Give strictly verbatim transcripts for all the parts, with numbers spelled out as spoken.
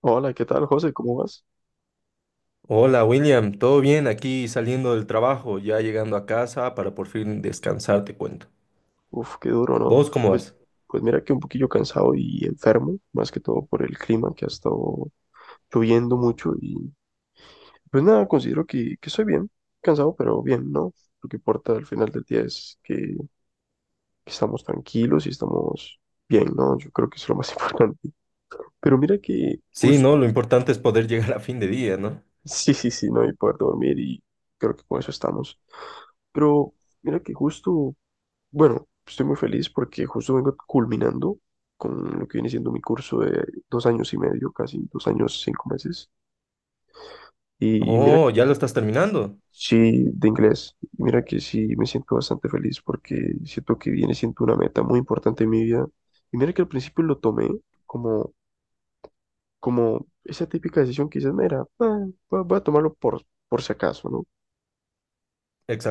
Hola, ¿qué tal, José? ¿Cómo vas? Hola William, ¿todo bien? Aquí saliendo del trabajo, ya llegando a casa para por fin descansar, te cuento. Uf, qué duro, ¿no? ¿Vos cómo Pues, vas? pues mira que un poquillo cansado y enfermo, más que todo por el clima que ha estado lloviendo mucho y pues nada, considero que, que estoy bien, cansado, pero bien, ¿no? Lo que importa al final del día es que, que estamos tranquilos y estamos bien, ¿no? Yo creo que eso es lo más importante. Pero mira que Sí, justo, no, lo importante es poder llegar a fin de día, ¿no? sí, sí, sí, no y poder dormir y creo que con eso estamos. Pero mira que justo Bueno, estoy muy feliz porque justo vengo culminando con lo que viene siendo mi curso de dos años y medio, casi dos años, cinco meses. Y, y mira Oh, ya que lo estás terminando. sí, de inglés, mira que sí me siento bastante feliz porque siento que viene siendo una meta muy importante en mi vida. Y mira que al principio lo tomé como, como esa típica decisión que dices, mira, va, va- voy a tomarlo por, por si acaso, ¿no?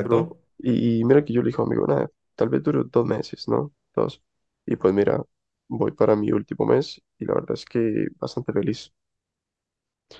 Pero, y, y mira que yo le dije amigo, nada, tal vez dure dos meses, ¿no? Dos. Y pues mira, voy para mi último mes y la verdad es que bastante feliz.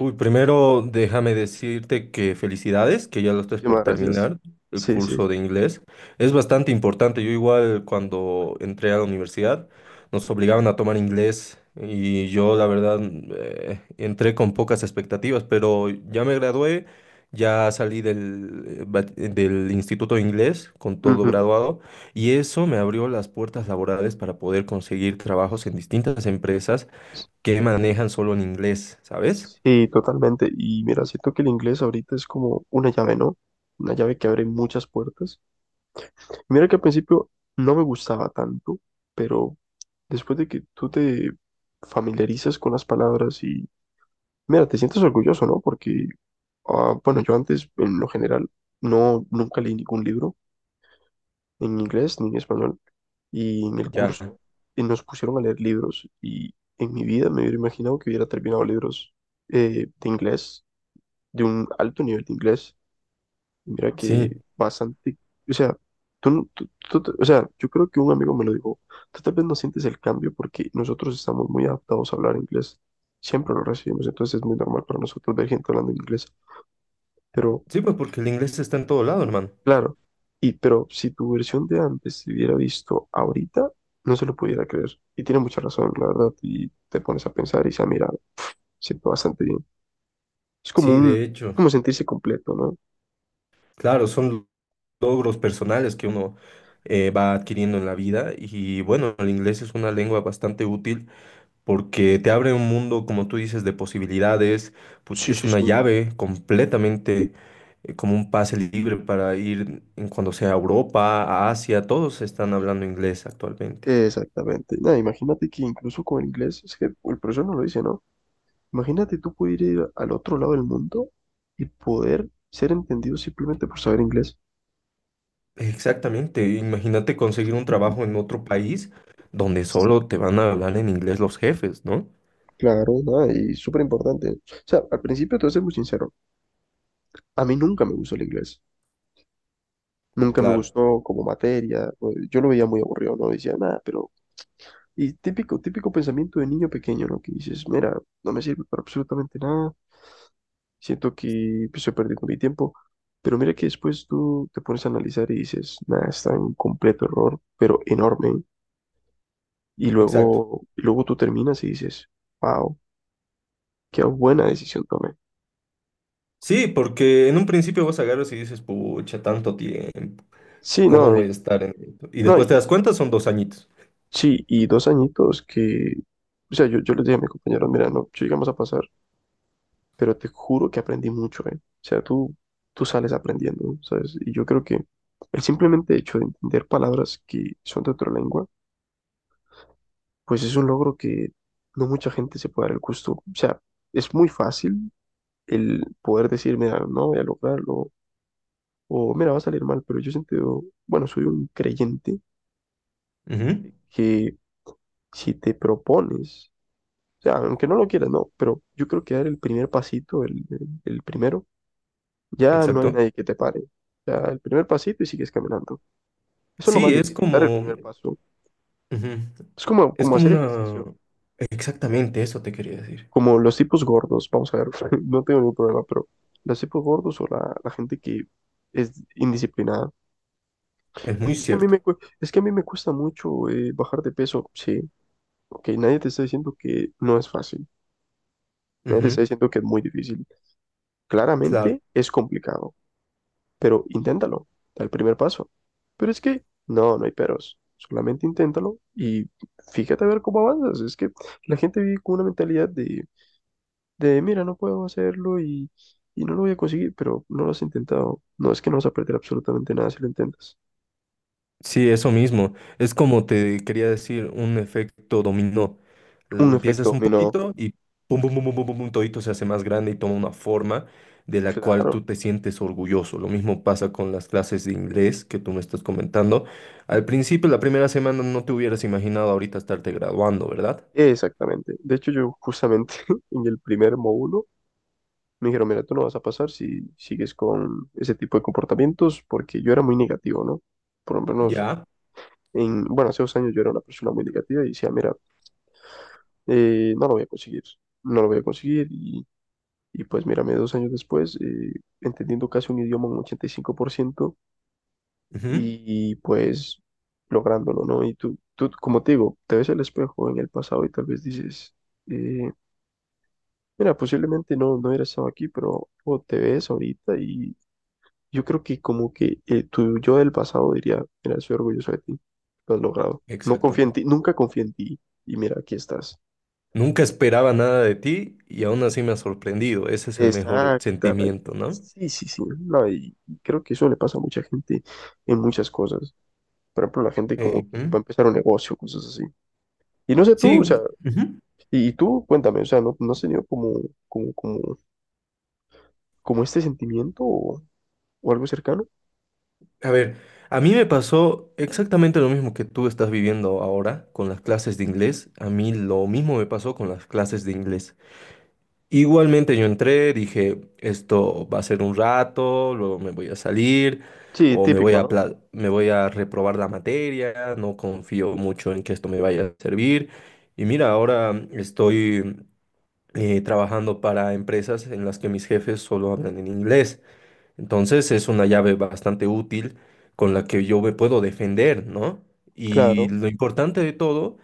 Uy, primero déjame decirte que felicidades, que ya lo estás por Muchísimas gracias. terminar el Sí, sí. curso de inglés. Es bastante importante. Yo igual cuando entré a la universidad nos obligaban a tomar inglés y yo la verdad eh, entré con pocas expectativas, pero ya me gradué, ya salí del, eh, bat- del Instituto de Inglés con todo Ujú. graduado y eso me abrió las puertas laborales para poder conseguir trabajos en distintas empresas que manejan solo en inglés, ¿sabes? Sí, totalmente. Y mira, siento que el inglés ahorita es como una llave, ¿no? Una llave que abre muchas puertas. Mira que al principio no me gustaba tanto, pero después de que tú te familiarizas con las palabras y, mira, te sientes orgulloso, ¿no? Porque ah, bueno, yo antes, en lo general, no, nunca leí ningún libro en inglés ni en español. Y en el Ya, curso eh, nos pusieron a leer libros y en mi vida me hubiera imaginado que hubiera terminado libros eh, de inglés, de un alto nivel de inglés. Y mira sí. que bastante, o sea, tú, no- tú- tú te- o sea, yo creo que un amigo me lo dijo, tú tal vez no sientes el cambio porque nosotros estamos muy adaptados a hablar inglés. Siempre lo recibimos, entonces es muy normal para nosotros ver gente hablando inglés, pero... Sí, pues porque el inglés está en todo lado, hermano. Claro, y pero si tu versión de antes se hubiera visto ahorita, no se lo pudiera creer. Y tiene mucha razón, la verdad, y te pones a pensar y se mira, siento bastante bien. Es como Sí, un, de es hecho. como sentirse completo, ¿no? Claro, son logros personales que uno eh, va adquiriendo en la vida. Y bueno, el inglés es una lengua bastante útil porque te abre un mundo, como tú dices, de posibilidades. Put- Sí, Es sí, una sí. llave completamente eh, como un pase libre para ir en cuando sea a Europa, a Asia. Todos están hablando inglés actualmente. Exactamente. Nada, imagínate que incluso con el inglés, es que el profesor no lo dice, ¿no? Imagínate tú poder ir al otro lado del mundo y poder ser entendido simplemente por saber inglés. Exactamente, imagínate conseguir un Ujú. trabajo en otro país donde solo te van a hablar en inglés los jefes, ¿no? Claro, nada, y súper importante. O sea, al principio te voy a ser muy sincero, a mí nunca me gustó el inglés. Nunca me Claro, gustó como materia. o- Yo lo veía muy aburrido, no decía nada, pero... Y típico, típico pensamiento de niño pequeño, ¿no? Que dices, mira, no me sirve para absolutamente nada, siento que pues, estoy perdiendo mi tiempo. Pero mira que después tú te pones a analizar y dices, nada, está en un completo error, pero enorme. Y exacto. luego, y luego tú terminas y dices, wow, qué buena decisión tomé. Sí, porque en un principio vas a agarras y dices, pucha, tanto tiempo, Sí, ¿cómo no, voy a y- estar en esto? Y no, después y te das encima, cuenta, son dos añitos. sí, y dos añitos que, o sea, yo, yo les dije a mis compañeros, mira, no, si llegamos a pasar pero te juro que aprendí mucho, ¿eh? O sea, tú, tú sales aprendiendo, ¿sabes? Y yo creo que el simplemente hecho de entender palabras que son de otra lengua, pues es un logro que no mucha gente se puede dar el gusto. O sea, es muy fácil el poder decir, mira, no voy a lograrlo, o mira, va a salir mal, pero yo siento, bueno, soy un creyente Ujú. que si te propones, o sea, aunque no lo quieras, no, pero yo creo que dar el primer pasito, el, el el primero, ya no hay Exacto. nadie que te pare. Ya el primer pasito y sigues caminando. Eso es lo más Sí, es difícil, dar el como, primer paso. ujú, Es como, es como como hacer una, ejercicio, exactamente eso te quería decir. como los tipos gordos, vamos a ver, no tengo ningún problema, pero los tipos gordos o la, la gente que es indisciplinada. Es muy Es que a mí cierto. me, cue- es que a mí me cuesta mucho eh, bajar de peso, sí. Ok, nadie te está diciendo que no es fácil. Nadie te está Ujú. diciendo que es muy difícil. Claro. Claramente es complicado, pero inténtalo, da el primer paso. Pero es que, no, no hay peros, solamente inténtalo y fíjate a ver cómo avanzas. Es que la gente vive con una mentalidad de, de mira, no puedo hacerlo y, y no lo voy a conseguir, pero no lo has intentado. No es que no vas a perder absolutamente nada si lo intentas. Sí, eso mismo. Es como te quería decir, un efecto dominó. Eh, Un efecto Empiezas un dominó, poquito y pum, pum, pum, pum, pum, pum, pum, todito se hace más grande y toma una forma de la cual claro, tú te sientes orgulloso. Lo mismo pasa con las clases de inglés que tú me estás comentando. Al principio, la primera semana, no te hubieras imaginado ahorita estarte graduando, ¿verdad? exactamente. De hecho, yo justamente en el primer módulo me dijeron, mira, tú no vas a pasar si sigues con ese tipo de comportamientos, porque yo era muy negativo, ¿no? Por lo menos Ya. en, bueno, hace dos años yo era una persona muy negativa y decía, mira, eh, no lo voy a conseguir, no lo voy a conseguir. Y, y pues mírame, dos años después, eh, entendiendo casi un idioma un ochenta y cinco por ciento y cinco por ciento Ujú. y pues lográndolo, ¿no? Y tú, tú, como te digo, te ves el espejo en el pasado y tal vez dices, eh, mira, posiblemente no, no hubiera estado aquí, pero o te ves ahorita y yo creo que como que eh, tu yo del pasado diría, mira, soy orgulloso de ti, lo has logrado. No confía en ti, Exactamente. nunca confía en ti y mira, aquí estás. Nunca esperaba nada de ti y aún así me ha sorprendido. Ese es el mejor Exactamente. sentimiento, ¿no? Sí, sí, sí. No, y y creo que eso le pasa a mucha gente en muchas cosas. Por ejemplo, la gente Eh, como que va a ujú. empezar un negocio, cosas así. Y no sé tú, Sí. o sea, Ujú. y, y tú, cuéntame, o sea, ¿no, no has tenido como, como, como, como este sentimiento o, o algo cercano? A ver, a mí me pasó exactamente lo mismo que tú estás viviendo ahora con las clases de inglés. A mí lo mismo me pasó con las clases de inglés. Igualmente yo entré, dije, esto va a ser un rato, luego me voy a salir Sí, o me voy típico, a, ¿no? apla- me voy a reprobar la materia, no confío mucho en que esto me vaya a servir. Y mira, ahora estoy eh, trabajando para empresas en las que mis jefes solo hablan en inglés. Entonces es una llave bastante útil con la que yo me puedo defender, ¿no? Y Claro, lo importante de todo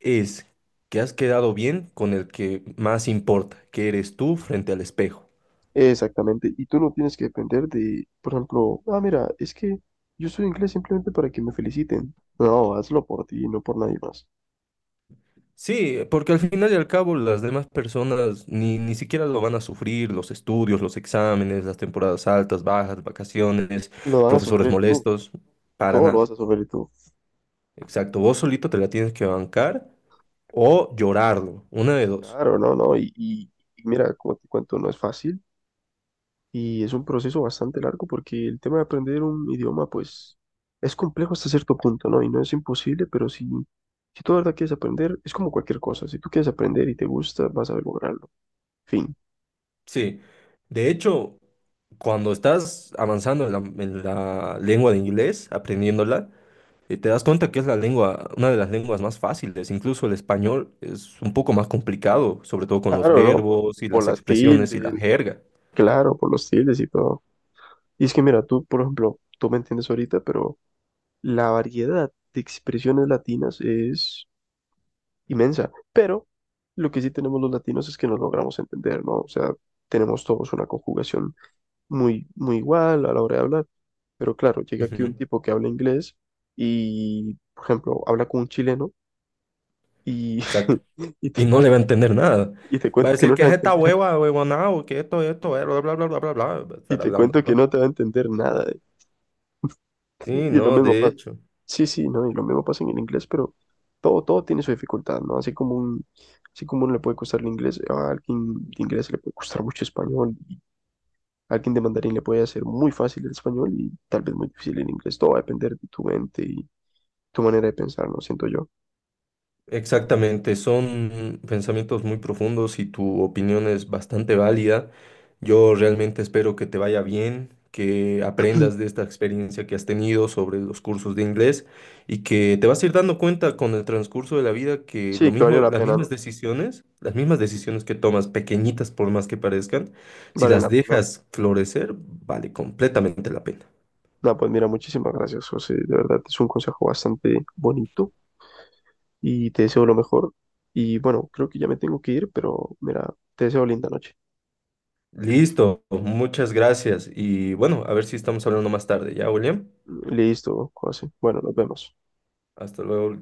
es que has quedado bien con el que más importa, que eres tú frente al espejo. exactamente. Y tú no tienes que depender de, por ejemplo, ah, mira, es que yo soy inglés simplemente para que me feliciten. No, hazlo por ti, no por nadie más. Sí, porque al final y al cabo las demás personas ni, ni siquiera lo van a sufrir, los estudios, los exámenes, las temporadas altas, bajas, vacaciones, Lo vas a profesores sufrir tú, molestos, para todo lo nada. vas a sufrir tú. Exacto, vos solito te la tienes que bancar o llorarlo, una de dos. Claro, no, no, y, y- y mira, como te cuento, no es fácil y es un proceso bastante largo porque el tema de aprender un idioma, pues, es complejo hasta cierto punto, ¿no? Y no es imposible, pero si, si, tú de verdad quieres aprender, es como cualquier cosa, si tú quieres aprender y te gusta, vas a lograrlo, fin. Sí, de hecho, cuando estás avanzando en la, en la lengua de inglés, aprendiéndola, eh, te das cuenta que es la lengua, una de las lenguas más fáciles. Incluso el español es un poco más complicado, sobre todo con los Claro, ¿no? Por, verbos y por las las expresiones y la tildes, jerga. claro, por los tildes y todo. Y es que mira, tú, por ejemplo, tú me entiendes ahorita, pero la variedad de expresiones latinas es inmensa, pero lo que sí tenemos los latinos es que nos logramos entender, ¿no? O sea, tenemos todos una conjugación muy, muy igual a la hora de hablar, pero claro, llega aquí un Ujú. tipo que habla inglés y, por ejemplo, habla con un chileno y, Exacto. y, te, Y no le va a entender nada. y te Va a cuento que decir no le que va a es esta entender, hueva, huevonao, que esto, esto, eh, bla, bla, bla, bla, bla, bla, va a y estar te hablando, cuento que ¿no? no te va a entender nada, ¿eh? Sí, Y lo no, mismo de pasa. hecho. Sí, sí, ¿no? Y lo mismo pasa en el inglés, pero todo, todo tiene su dificultad, ¿no? Así como un, así como uno le puede costar el inglés, a alguien de inglés le puede costar mucho español. Alguien de mandarín le puede hacer muy fácil el español y tal vez muy difícil el inglés. Todo va a depender de tu mente y tu manera de pensar, ¿no? Siento yo. Exactamente, son pensamientos muy profundos y tu opinión es bastante válida. Yo realmente espero que te vaya bien, que aprendas de esta experiencia que has tenido sobre los cursos de inglés y que te vas a ir dando cuenta con el transcurso de la vida que lo Sí, que valió mismo, la las pena, ¿no? mismas decisiones, las mismas decisiones que tomas, pequeñitas por más que parezcan, si Vale las la pena. dejas florecer, vale completamente la pena. Nada, pues mira, muchísimas gracias, José. De verdad, es un consejo bastante bonito y te deseo lo mejor. Y bueno, creo que ya me tengo que ir, pero mira, te deseo linda noche. Listo, muchas gracias y bueno, a ver si estamos hablando más tarde, ¿ya, William? Listo, José. Bueno, nos vemos. Hasta luego.